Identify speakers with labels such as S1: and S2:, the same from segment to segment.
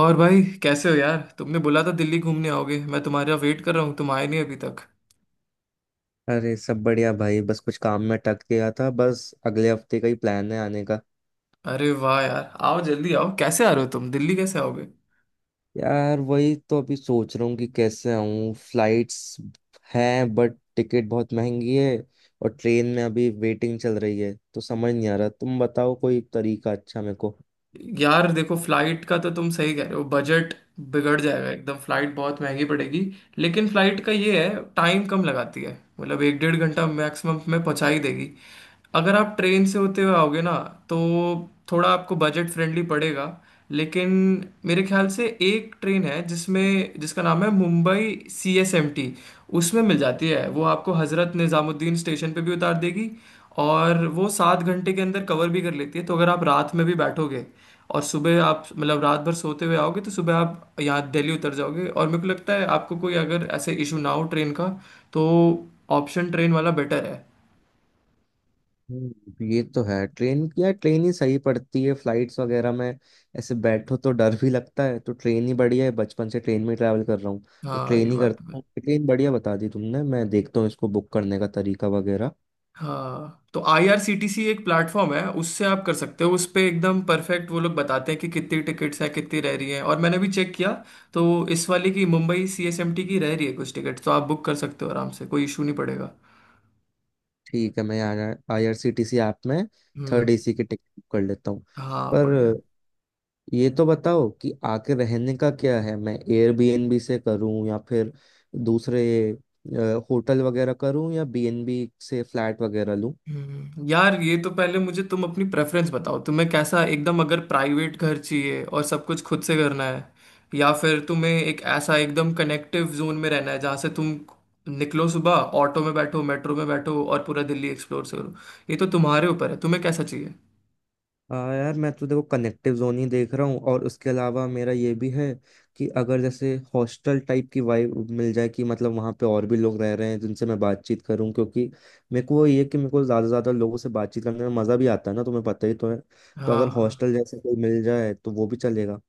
S1: और भाई कैसे हो यार? तुमने बोला था दिल्ली घूमने आओगे, मैं तुम्हारा वेट कर रहा हूँ, तुम आए नहीं अभी तक।
S2: अरे, सब बढ़िया भाई। बस कुछ काम में अटक गया था। बस अगले हफ्ते का ही प्लान है आने का।
S1: अरे वाह यार, आओ जल्दी आओ। कैसे आ रहे हो तुम? दिल्ली कैसे आओगे?
S2: यार वही तो अभी सोच रहा हूँ कि कैसे आऊँ। फ्लाइट्स हैं बट टिकट बहुत महंगी है। और ट्रेन में अभी वेटिंग चल रही है, तो समझ नहीं आ रहा। तुम बताओ कोई तरीका अच्छा मेरे को।
S1: यार देखो, फ्लाइट का तो तुम सही कह रहे हो, बजट बिगड़ जाएगा एकदम, फ्लाइट बहुत महंगी पड़ेगी। लेकिन फ्लाइट का ये है, टाइम कम लगाती है, मतलब एक डेढ़ घंटा मैक्सिमम में पहुंचा ही देगी। अगर आप ट्रेन से होते हुए आओगे ना, तो थोड़ा आपको बजट फ्रेंडली पड़ेगा। लेकिन मेरे ख्याल से एक ट्रेन है जिसमें जिसका नाम है Mumbai C S M T. उसमें मिल जाती है, वो आपको हज़रत निज़ामुद्दीन स्टेशन पे भी उतार देगी। और वो 7 घंटे के अंदर कवर भी कर लेती है, तो अगर आप रात में भी बैठोगे और सुबह आप मतलब रात भर सोते हुए आओगे तो सुबह आप यहाँ दिल्ली उतर जाओगे। और मेरे को लगता है आपको कोई अगर ऐसे इशू ना हो ट्रेन का, तो ऑप्शन ट्रेन वाला बेटर है।
S2: ये तो है, ट्रेन या ट्रेन ही सही पड़ती है। फ्लाइट्स वगैरह में ऐसे बैठो तो डर भी लगता है। तो ट्रेन ही बढ़िया है, बचपन से ट्रेन में ट्रैवल कर रहा हूँ। तो
S1: हाँ ये
S2: ट्रेन ही
S1: बात।
S2: करता हूँ। ट्रेन बढ़िया बता दी तुमने। मैं देखता हूँ इसको बुक करने का तरीका वगैरह।
S1: हाँ तो आईआरसीटीसी एक प्लेटफॉर्म है, उससे आप कर सकते हो। उस पे एकदम परफेक्ट वो लोग बताते हैं कि कितनी टिकट्स हैं, कितनी रह रही हैं, और मैंने भी चेक किया तो इस वाले की मुंबई सीएसएमटी की रह रही है कुछ टिकट, तो आप बुक कर सकते हो आराम से, कोई इशू नहीं पड़ेगा।
S2: ठीक है, मैं आईआरसीटीसी ऐप में थर्ड
S1: हम्म।
S2: एसी की टिकट बुक कर लेता हूँ।
S1: हाँ बढ़िया।
S2: पर ये तो बताओ कि आके रहने का क्या है। मैं एयरबीएनबी से करूँ या फिर दूसरे होटल वगैरह करूँ, या बीएनबी से फ्लैट वगैरह लूँ?
S1: यार ये तो पहले मुझे तुम अपनी प्रेफरेंस बताओ, तुम्हें कैसा? एकदम अगर प्राइवेट घर चाहिए और सब कुछ खुद से करना है, या फिर तुम्हें एक ऐसा एकदम कनेक्टिव जोन में रहना है जहाँ से तुम निकलो सुबह, ऑटो में बैठो, मेट्रो में बैठो और पूरा दिल्ली एक्सप्लोर करो। ये तो तुम्हारे ऊपर है, तुम्हें कैसा चाहिए?
S2: हाँ यार, मैं तो देखो कनेक्टिव जोन ही देख रहा हूँ। और उसके अलावा मेरा ये भी है, कि अगर जैसे हॉस्टल टाइप की वाइब मिल जाए, कि मतलब वहाँ पे और भी लोग रह रहे हैं जिनसे मैं बातचीत करूँ। क्योंकि मेरे को वो ये कि मेरे को ज़्यादा से ज़्यादा लोगों से बातचीत करने में मज़ा भी आता है ना, तुम्हें पता ही तो है। तो अगर
S1: हाँ।
S2: हॉस्टल जैसे कोई मिल जाए तो वो भी चलेगा।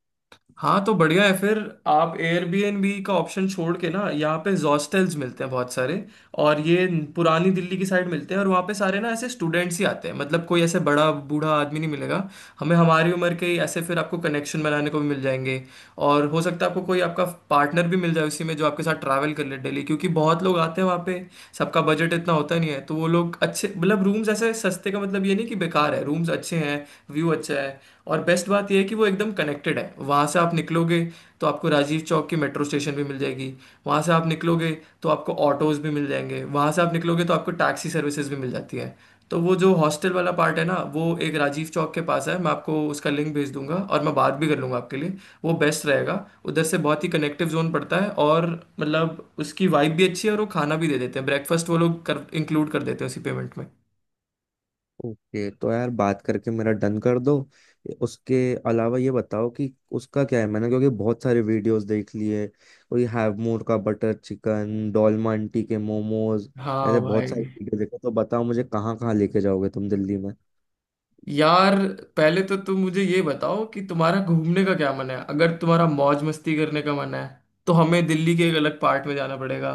S1: हाँ तो बढ़िया है फिर, आप एयरबीएनबी का ऑप्शन छोड़ के ना, यहाँ पे हॉस्टल्स मिलते हैं बहुत सारे। और ये पुरानी दिल्ली की साइड मिलते हैं और वहाँ पे सारे ना ऐसे स्टूडेंट्स ही आते हैं, मतलब कोई ऐसे बड़ा बूढ़ा आदमी नहीं मिलेगा, हमें हमारी उम्र के ही ऐसे, फिर आपको कनेक्शन बनाने को भी मिल जाएंगे। और हो सकता है आपको कोई आपका पार्टनर भी मिल जाए उसी में जो आपके साथ ट्रैवल कर ले डेली, क्योंकि बहुत लोग आते हैं वहाँ पे। सबका बजट इतना होता नहीं है तो वो लोग अच्छे, मतलब रूम्स ऐसे सस्ते, का मतलब ये नहीं कि बेकार है, रूम्स अच्छे हैं, व्यू अच्छा है। और बेस्ट बात यह है कि वो एकदम कनेक्टेड है, वहाँ से आप निकलोगे तो आपको राजीव चौक की मेट्रो स्टेशन भी मिल जाएगी, वहाँ से आप निकलोगे तो आपको ऑटोज भी मिल जाएंगे, वहाँ से आप निकलोगे तो आपको टैक्सी सर्विसेज भी मिल जाती है। तो वो जो हॉस्टल वाला पार्ट है ना, वो एक राजीव चौक के पास है, मैं आपको उसका लिंक भेज दूंगा और मैं बात भी कर लूंगा आपके लिए, वो बेस्ट रहेगा। उधर से बहुत ही कनेक्टिव जोन पड़ता है, और मतलब उसकी वाइब भी अच्छी है, और वो खाना भी दे देते हैं, ब्रेकफास्ट वो लोग कर इंक्लूड कर देते हैं उसी पेमेंट में।
S2: ओके, तो यार बात करके मेरा डन कर दो। उसके अलावा ये बताओ कि उसका क्या है। मैंने क्योंकि बहुत सारे वीडियोस देख लिए। कोई हैव मोर का बटर चिकन, डोलमा आंटी के मोमोज,
S1: हाँ
S2: ऐसे बहुत सारे
S1: भाई।
S2: वीडियो देखे। तो बताओ मुझे कहाँ कहाँ लेके जाओगे तुम दिल्ली में।
S1: यार पहले तो तुम मुझे ये बताओ कि तुम्हारा घूमने का क्या मन है? अगर तुम्हारा मौज मस्ती करने का मन है तो हमें दिल्ली के एक अलग पार्ट में जाना पड़ेगा।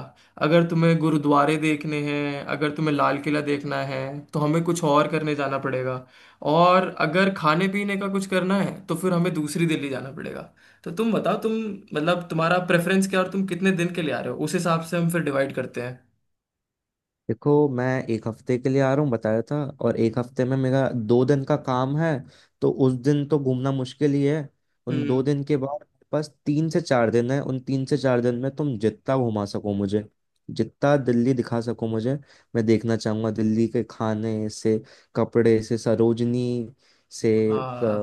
S1: अगर तुम्हें गुरुद्वारे देखने हैं, अगर तुम्हें लाल किला देखना है, तो हमें कुछ और करने जाना पड़ेगा। और अगर खाने पीने का कुछ करना है तो फिर हमें दूसरी दिल्ली जाना पड़ेगा। तो तुम बताओ, तुम मतलब तुम्हारा प्रेफरेंस क्या है और तुम कितने दिन के लिए आ रहे हो, उस हिसाब से हम फिर डिवाइड करते हैं।
S2: देखो, मैं एक हफ्ते के लिए आ रहा हूँ बताया था। और एक हफ्ते में मेरा 2 दिन का काम है, तो उस दिन तो घूमना मुश्किल ही है। उन दो
S1: हम्म।
S2: दिन के बाद मेरे पास 3 से 4 दिन है। उन तीन से चार दिन में तुम जितना घुमा सको मुझे, जितना दिल्ली दिखा सको मुझे। मैं देखना चाहूंगा दिल्ली के खाने से, कपड़े से, सरोजनी से,
S1: हाँ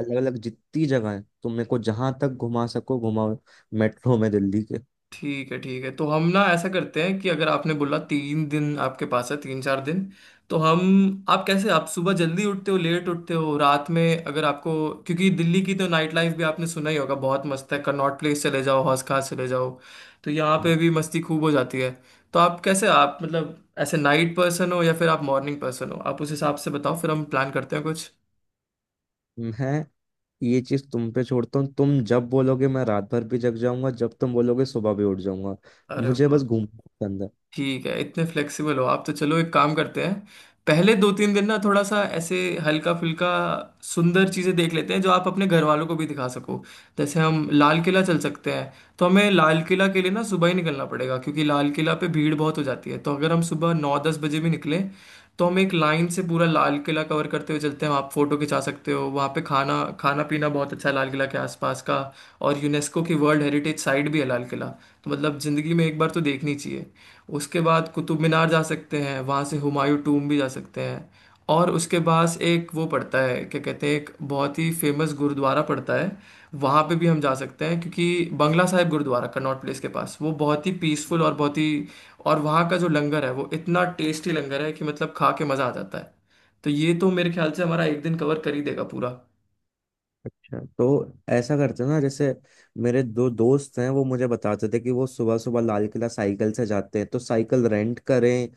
S2: अलग अलग जितनी जगह है तुम मेरे को जहां तक घुमा सको घुमाओ, मेट्रो में दिल्ली के।
S1: ठीक है ठीक है। तो हम ना ऐसा करते हैं कि अगर आपने बोला तीन दिन आपके पास है, तीन चार दिन, तो हम आप कैसे, आप सुबह जल्दी उठते हो, लेट उठते हो, रात में अगर आपको, क्योंकि दिल्ली की तो नाइट लाइफ भी आपने सुना ही होगा बहुत मस्त है, कनॉट प्लेस चले जाओ, हौस खास चले जाओ, तो यहाँ पे भी मस्ती खूब हो जाती है। तो आप कैसे, आप मतलब ऐसे नाइट पर्सन हो या फिर आप मॉर्निंग पर्सन हो, आप उस हिसाब से बताओ फिर हम प्लान करते हैं कुछ।
S2: मैं ये चीज तुम पे छोड़ता हूँ। तुम जब बोलोगे मैं रात भर भी जग जाऊंगा, जब तुम बोलोगे सुबह भी उठ जाऊंगा।
S1: अरे
S2: मुझे
S1: वाह!
S2: बस घूमना पसंद है।
S1: ठीक है, इतने फ्लेक्सिबल हो आप तो चलो, एक काम करते हैं, पहले दो तीन दिन ना थोड़ा सा ऐसे हल्का फुल्का सुंदर चीज़ें देख लेते हैं जो आप अपने घर वालों को भी दिखा सको। जैसे हम लाल किला चल सकते हैं, तो हमें लाल किला के लिए ना सुबह ही निकलना पड़ेगा, क्योंकि लाल किला पे भीड़ बहुत हो जाती है। तो अगर हम सुबह 9-10 बजे भी निकले तो हम एक लाइन से पूरा लाल किला कवर करते हुए चलते हैं, आप फोटो खिंचा सकते हो वहाँ पे, खाना खाना पीना बहुत अच्छा है लाल किला के आसपास का। और यूनेस्को की वर्ल्ड हेरिटेज साइट भी है लाल किला, तो मतलब ज़िंदगी में एक बार तो देखनी चाहिए। उसके बाद कुतुब मीनार जा सकते हैं, वहाँ से हुमायूं टूम भी जा सकते हैं, और उसके पास एक वो पड़ता है, क्या कहते हैं, एक बहुत ही फेमस गुरुद्वारा पड़ता है, वहाँ पे भी हम जा सकते हैं क्योंकि बंगला साहिब गुरुद्वारा कनॉट प्लेस के पास, वो बहुत ही पीसफुल और बहुत ही, और वहाँ का जो लंगर है वो इतना टेस्टी लंगर है कि मतलब खा के मज़ा आ जाता है। तो ये तो मेरे ख्याल से हमारा एक दिन कवर कर ही देगा पूरा।
S2: अच्छा, तो ऐसा करते हैं ना, जैसे मेरे दो दोस्त हैं, वो मुझे बताते थे कि वो सुबह सुबह लाल किला साइकिल से जाते हैं। तो साइकिल रेंट करें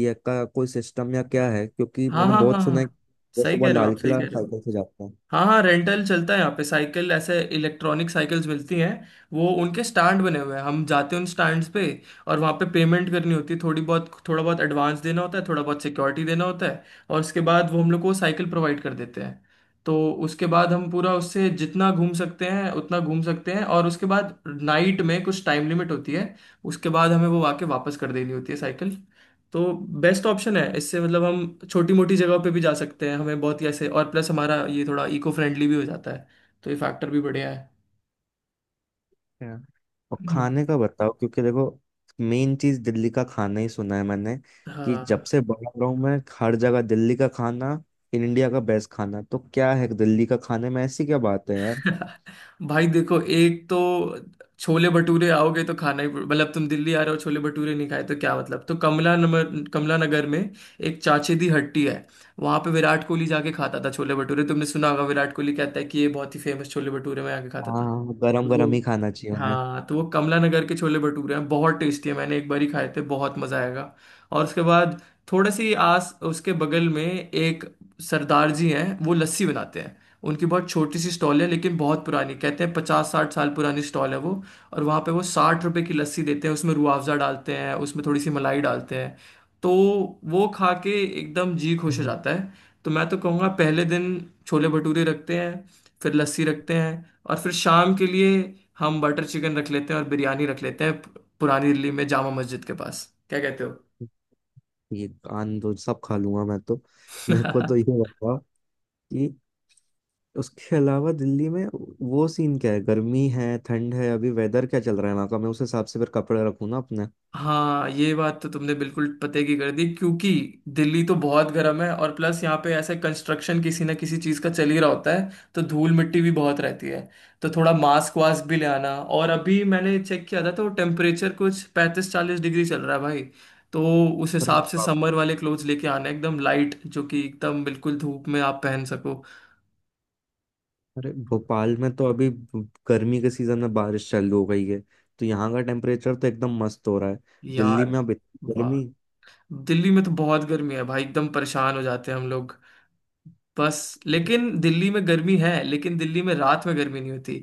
S2: या का कोई सिस्टम या क्या है? क्योंकि
S1: हाँ
S2: मैंने
S1: हाँ हाँ
S2: बहुत सुना है
S1: हाँ,
S2: कि वो
S1: सही
S2: सुबह
S1: कह रहे हो
S2: लाल
S1: आप, सही
S2: किला
S1: कह रहे हो।
S2: साइकिल से जाते हैं।
S1: हाँ हाँ, रेंटल चलता है यहाँ पे, साइकिल ऐसे इलेक्ट्रॉनिक साइकिल्स मिलती हैं, वो उनके स्टैंड बने हुए हैं, हम जाते हैं उन स्टैंड्स पे और वहाँ पे पेमेंट करनी होती है थोड़ी बहुत, थोड़ा बहुत एडवांस देना होता है, थोड़ा बहुत सिक्योरिटी देना होता है, और उसके बाद वो हम लोग को साइकिल प्रोवाइड कर देते हैं। तो उसके बाद हम पूरा उससे जितना घूम सकते हैं उतना घूम सकते हैं, और उसके बाद नाइट में कुछ टाइम लिमिट होती है, उसके बाद हमें वो आके वापस कर देनी होती है साइकिल। तो बेस्ट ऑप्शन है इससे, मतलब हम छोटी मोटी जगह पे भी जा सकते हैं, हमें बहुत ही ऐसे, और प्लस हमारा ये थोड़ा इको फ्रेंडली भी हो जाता है, तो ये फैक्टर भी बढ़िया है।
S2: है। और
S1: हम्म,
S2: खाने का बताओ, क्योंकि देखो मेन चीज दिल्ली का खाना ही सुना है मैंने। कि
S1: हाँ।
S2: जब से बड़ा रहा हूं मैं, हर जगह दिल्ली का खाना इंडिया का बेस्ट खाना। तो क्या है दिल्ली का, खाने में ऐसी क्या बात है यार?
S1: भाई देखो, एक तो छोले भटूरे, आओगे तो खाना ही, मतलब तुम दिल्ली आ रहे हो छोले भटूरे नहीं खाए तो क्या मतलब। तो कमला नगर में एक चाचे दी हट्टी है, वहां पे विराट कोहली जाके खाता था छोले भटूरे, तुमने सुना होगा, विराट कोहली कहता है कि ये बहुत ही फेमस छोले भटूरे में आके खाता
S2: हाँ
S1: था
S2: गरम
S1: तो वो।
S2: गरम ही खाना चाहिए उन्हें।
S1: हाँ तो वो कमला नगर के छोले भटूरे हैं, बहुत टेस्टी है, मैंने एक बार ही खाए थे, बहुत मजा आएगा। और उसके बाद थोड़े से ही आस, उसके बगल में एक सरदार जी हैं वो लस्सी बनाते हैं, उनकी बहुत छोटी सी स्टॉल है, लेकिन बहुत पुरानी, कहते हैं 50-60 साल पुरानी स्टॉल है वो। और वहाँ पे वो 60 रुपए की लस्सी देते हैं, उसमें रूह अफ़ज़ा डालते हैं, उसमें थोड़ी सी मलाई डालते हैं, तो वो खा के एकदम जी खुश हो
S2: हम्म।
S1: जाता है। तो मैं तो कहूँगा पहले दिन छोले भटूरे रखते हैं, फिर लस्सी रखते हैं, और फिर शाम के लिए हम बटर चिकन रख लेते हैं और बिरयानी रख लेते हैं पुरानी दिल्ली में जामा मस्जिद के पास। क्या कहते
S2: ये कान दो सब खा लूंगा मैं तो। मेरे को
S1: हो?
S2: तो ये बताओ कि उसके अलावा दिल्ली में वो सीन क्या है? गर्मी है, ठंड है, अभी वेदर क्या चल रहा है वहाँ का? मैं उस हिसाब से फिर कपड़े रखूँ ना अपने।
S1: हाँ ये बात तो तुमने बिल्कुल पते की कर दी, क्योंकि दिल्ली तो बहुत गर्म है और प्लस यहाँ पे ऐसे कंस्ट्रक्शन किसी ना किसी चीज़ का चल ही रहा होता है, तो धूल मिट्टी भी बहुत रहती है, तो थोड़ा मास्क वास्क भी ले आना। और अभी मैंने चेक किया था तो टेम्परेचर कुछ 35-40 डिग्री चल रहा है भाई, तो उस
S2: अरे,
S1: हिसाब से समर वाले क्लोथ्स लेके आना, एकदम लाइट, जो कि एकदम बिल्कुल धूप में आप पहन सको।
S2: अरे भोपाल में तो अभी गर्मी के सीजन में बारिश चालू हो गई है। तो यहाँ का टेम्परेचर तो एकदम मस्त हो रहा है। दिल्ली
S1: यार
S2: में अब इतनी गर्मी?
S1: वाह! दिल्ली में तो बहुत गर्मी है भाई, एकदम परेशान हो जाते हैं हम लोग। बस लेकिन दिल्ली में गर्मी है, लेकिन दिल्ली में रात में गर्मी नहीं होती।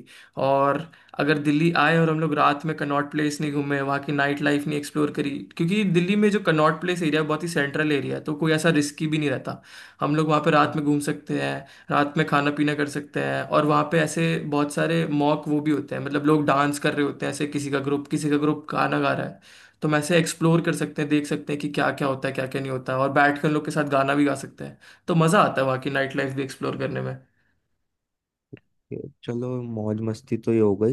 S1: और अगर दिल्ली आए और हम लोग रात में कनॉट प्लेस नहीं घूमे, वहाँ की नाइट लाइफ नहीं एक्सप्लोर करी, क्योंकि दिल्ली में जो कनॉट प्लेस एरिया है बहुत ही सेंट्रल एरिया है, तो कोई ऐसा रिस्की भी नहीं रहता। हम लोग वहाँ पे रात में घूम सकते हैं, रात में खाना पीना कर सकते हैं, और वहाँ पे ऐसे बहुत सारे मॉक वो भी होते हैं, मतलब लोग डांस कर रहे होते हैं ऐसे, किसी का ग्रुप, किसी का ग्रुप गाना गा रहा है। तो हम ऐसे एक्सप्लोर कर सकते हैं, देख सकते हैं कि क्या क्या होता है क्या क्या नहीं होता है, और बैठ कर उन लोग के साथ गाना भी गा सकते हैं। तो मजा आता है वहाँ की नाइट लाइफ भी एक्सप्लोर करने में।
S2: ये चलो, मौज मस्ती तो ये हो गई।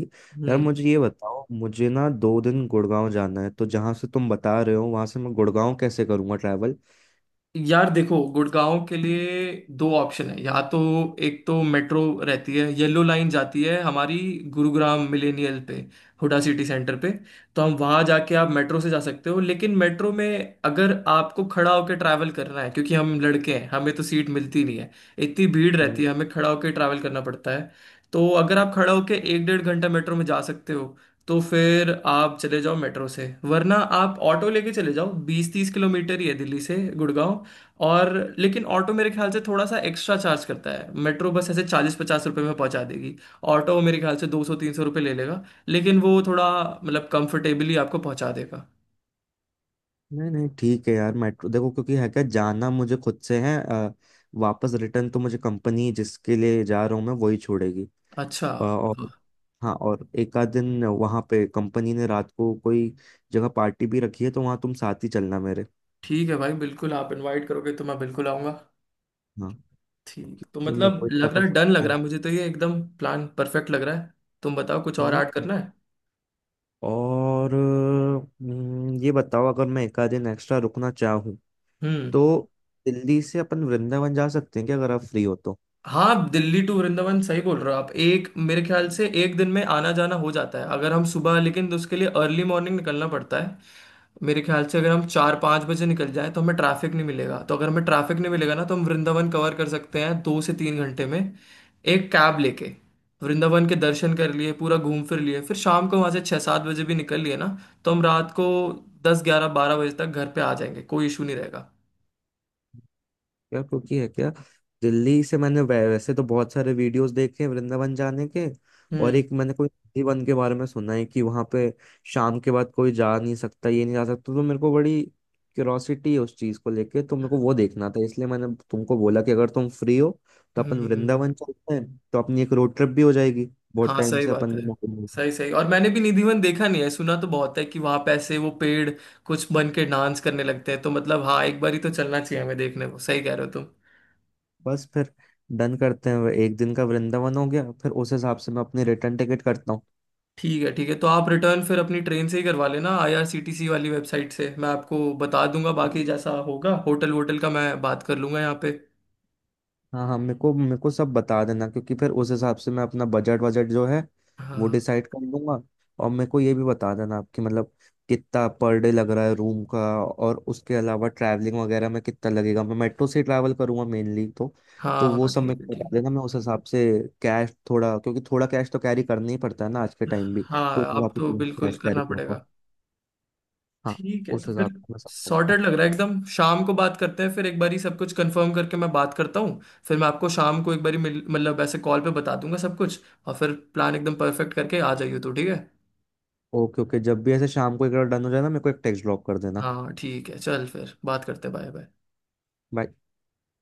S2: यार
S1: हम्म।
S2: मुझे ये बताओ, मुझे ना 2 दिन गुड़गांव जाना है, तो जहाँ से तुम बता रहे हो वहां से मैं गुड़गांव कैसे करूँगा ट्रैवल?
S1: यार देखो, गुड़गांव के लिए दो ऑप्शन है, या तो एक तो मेट्रो रहती है, येलो लाइन जाती है हमारी गुरुग्राम मिलेनियल पे, हुडा सिटी सेंटर पे, तो हम वहाँ जाके आप मेट्रो से जा सकते हो, लेकिन मेट्रो में अगर आपको खड़ा होकर ट्रैवल करना है क्योंकि हम लड़के हैं, हमें तो सीट मिलती नहीं है, इतनी भीड़
S2: हम्म,
S1: रहती है, हमें खड़ा होकर ट्रैवल करना पड़ता है। तो अगर आप खड़ा होकर एक डेढ़ घंटा मेट्रो में जा सकते हो तो फिर आप चले जाओ मेट्रो से, वरना आप ऑटो लेके चले जाओ, 20-30 किलोमीटर ही है दिल्ली से गुड़गांव। और लेकिन ऑटो मेरे ख्याल से थोड़ा सा एक्स्ट्रा चार्ज करता है, मेट्रो बस ऐसे 40-50 रुपए में पहुंचा देगी, ऑटो मेरे ख्याल से 200-300 रुपये ले लेगा, लेकिन वो थोड़ा मतलब कंफर्टेबली आपको पहुंचा देगा।
S2: नहीं नहीं, ठीक है यार, मेट्रो देखो, क्योंकि है क्या, जाना मुझे खुद से है, वापस रिटर्न तो मुझे कंपनी जिसके लिए जा रहा हूँ मैं वही छोड़ेगी।
S1: अच्छा।
S2: और
S1: हाँ।
S2: हाँ, और एक आध दिन वहाँ पे कंपनी ने रात को कोई जगह पार्टी भी रखी है, तो वहाँ तुम साथ ही चलना मेरे।
S1: ठीक है भाई, बिल्कुल, आप इनवाइट करोगे तो मैं बिल्कुल आऊंगा।
S2: हाँ,
S1: ठीक। तो
S2: क्योंकि मेरे को
S1: मतलब
S2: इतना
S1: लग रहा है
S2: कुछ।
S1: डन, लग रहा है मुझे तो ये एकदम प्लान परफेक्ट लग रहा है। तुम बताओ कुछ और ऐड
S2: हम्म।
S1: करना है?
S2: और ये बताओ, अगर मैं एक आध दिन एक्स्ट्रा रुकना चाहूँ
S1: हम्म।
S2: तो दिल्ली से अपन वृंदावन जा सकते हैं क्या, अगर आप फ्री हो तो?
S1: हाँ, दिल्ली टू वृंदावन, सही बोल रहे हो आप, एक मेरे ख्याल से एक दिन में आना जाना हो जाता है, अगर हम सुबह, लेकिन तो उसके लिए अर्ली मॉर्निंग निकलना पड़ता है। मेरे ख्याल से अगर हम 4-5 बजे निकल जाएं तो हमें ट्रैफिक नहीं मिलेगा, तो अगर हमें ट्रैफिक नहीं मिलेगा ना तो हम वृंदावन कवर कर सकते हैं 2 से 3 घंटे में, एक कैब लेके। वृंदावन के दर्शन कर लिए, पूरा घूम फिर लिए, फिर शाम को वहाँ से 6-7 बजे भी निकल लिए ना, तो हम रात को 10-11-12 बजे तक घर पे आ जाएंगे, कोई इशू नहीं रहेगा।
S2: यार क्योंकि है क्या, दिल्ली से मैंने वैसे तो बहुत सारे वीडियोस देखे हैं वृंदावन जाने के। और
S1: हम्म।
S2: एक मैंने कोई नंदी वन के बारे में सुना है कि वहां पे शाम के बाद कोई जा नहीं सकता, ये नहीं जा सकता। तो मेरे को बड़ी क्यूरोसिटी है उस चीज को लेके, तो मेरे को वो देखना था। इसलिए मैंने तुमको बोला कि अगर तुम फ्री हो तो अपन
S1: हम्म।
S2: वृंदावन चलते हैं। तो अपनी एक रोड ट्रिप भी हो जाएगी, बहुत
S1: हाँ
S2: टाइम
S1: सही
S2: से
S1: बात
S2: अपन
S1: है,
S2: ने मौका नहीं लिया।
S1: सही सही। और मैंने भी निधिवन देखा नहीं है, सुना तो बहुत है कि वहां पे ऐसे वो पेड़ कुछ बन के डांस करने लगते हैं, तो मतलब हाँ, एक बार ही तो चलना चाहिए हमें देखने को, सही कह रहे हो तुम।
S2: बस फिर डन करते हैं, एक दिन का वृंदावन हो गया। फिर उस हिसाब से मैं अपनी रिटर्न टिकट करता हूँ।
S1: ठीक है ठीक है, तो आप रिटर्न फिर अपनी ट्रेन से ही करवा लेना आईआरसीटीसी वाली वेबसाइट से, मैं आपको बता दूंगा बाकी जैसा होगा, होटल वोटल का मैं बात कर लूंगा यहाँ पे।
S2: हाँ हाँ, मेरे को सब बता देना, क्योंकि फिर उस हिसाब से मैं अपना बजट बजट जो है वो
S1: हाँ।
S2: डिसाइड कर लूंगा। और मेरे को ये भी बता देना आपकी मतलब कितना पर डे लग रहा है रूम का। और उसके अलावा ट्रैवलिंग वगैरह में कितना लगेगा, मैं मेट्रो से ट्रैवल करूंगा मेनली तो। तो
S1: हाँ
S2: वो
S1: हाँ
S2: सब
S1: ठीक
S2: मेरे
S1: है
S2: को बता
S1: ठीक है।
S2: देना, मैं उस हिसाब से कैश थोड़ा, क्योंकि थोड़ा कैश तो कैरी करना ही पड़ता है ना आज के टाइम भी,
S1: हाँ।
S2: तो उस हिसाब
S1: आप
S2: से
S1: तो
S2: थोड़ा
S1: बिल्कुल
S2: कैश कैरी
S1: करना
S2: करूंगा।
S1: पड़ेगा।
S2: हाँ,
S1: ठीक है,
S2: उस
S1: तो फिर
S2: हिसाब से मैं सब
S1: सॉर्टेड
S2: करूंगा।
S1: लग रहा है एकदम, शाम को बात करते हैं फिर एक बारी, सब कुछ कंफर्म करके मैं बात करता हूँ, फिर मैं आपको शाम को एक बारी मिल, मतलब ऐसे कॉल पे बता दूंगा सब कुछ, और फिर प्लान एकदम परफेक्ट करके आ जाइए तो ठीक है।
S2: ओके ओके, जब भी ऐसे शाम को एक बार डन हो जाए ना, मेरे को एक टेक्स्ट ड्रॉप कर देना।
S1: हाँ ठीक है, चल फिर बात करते हैं, बाय बाय।
S2: बाय।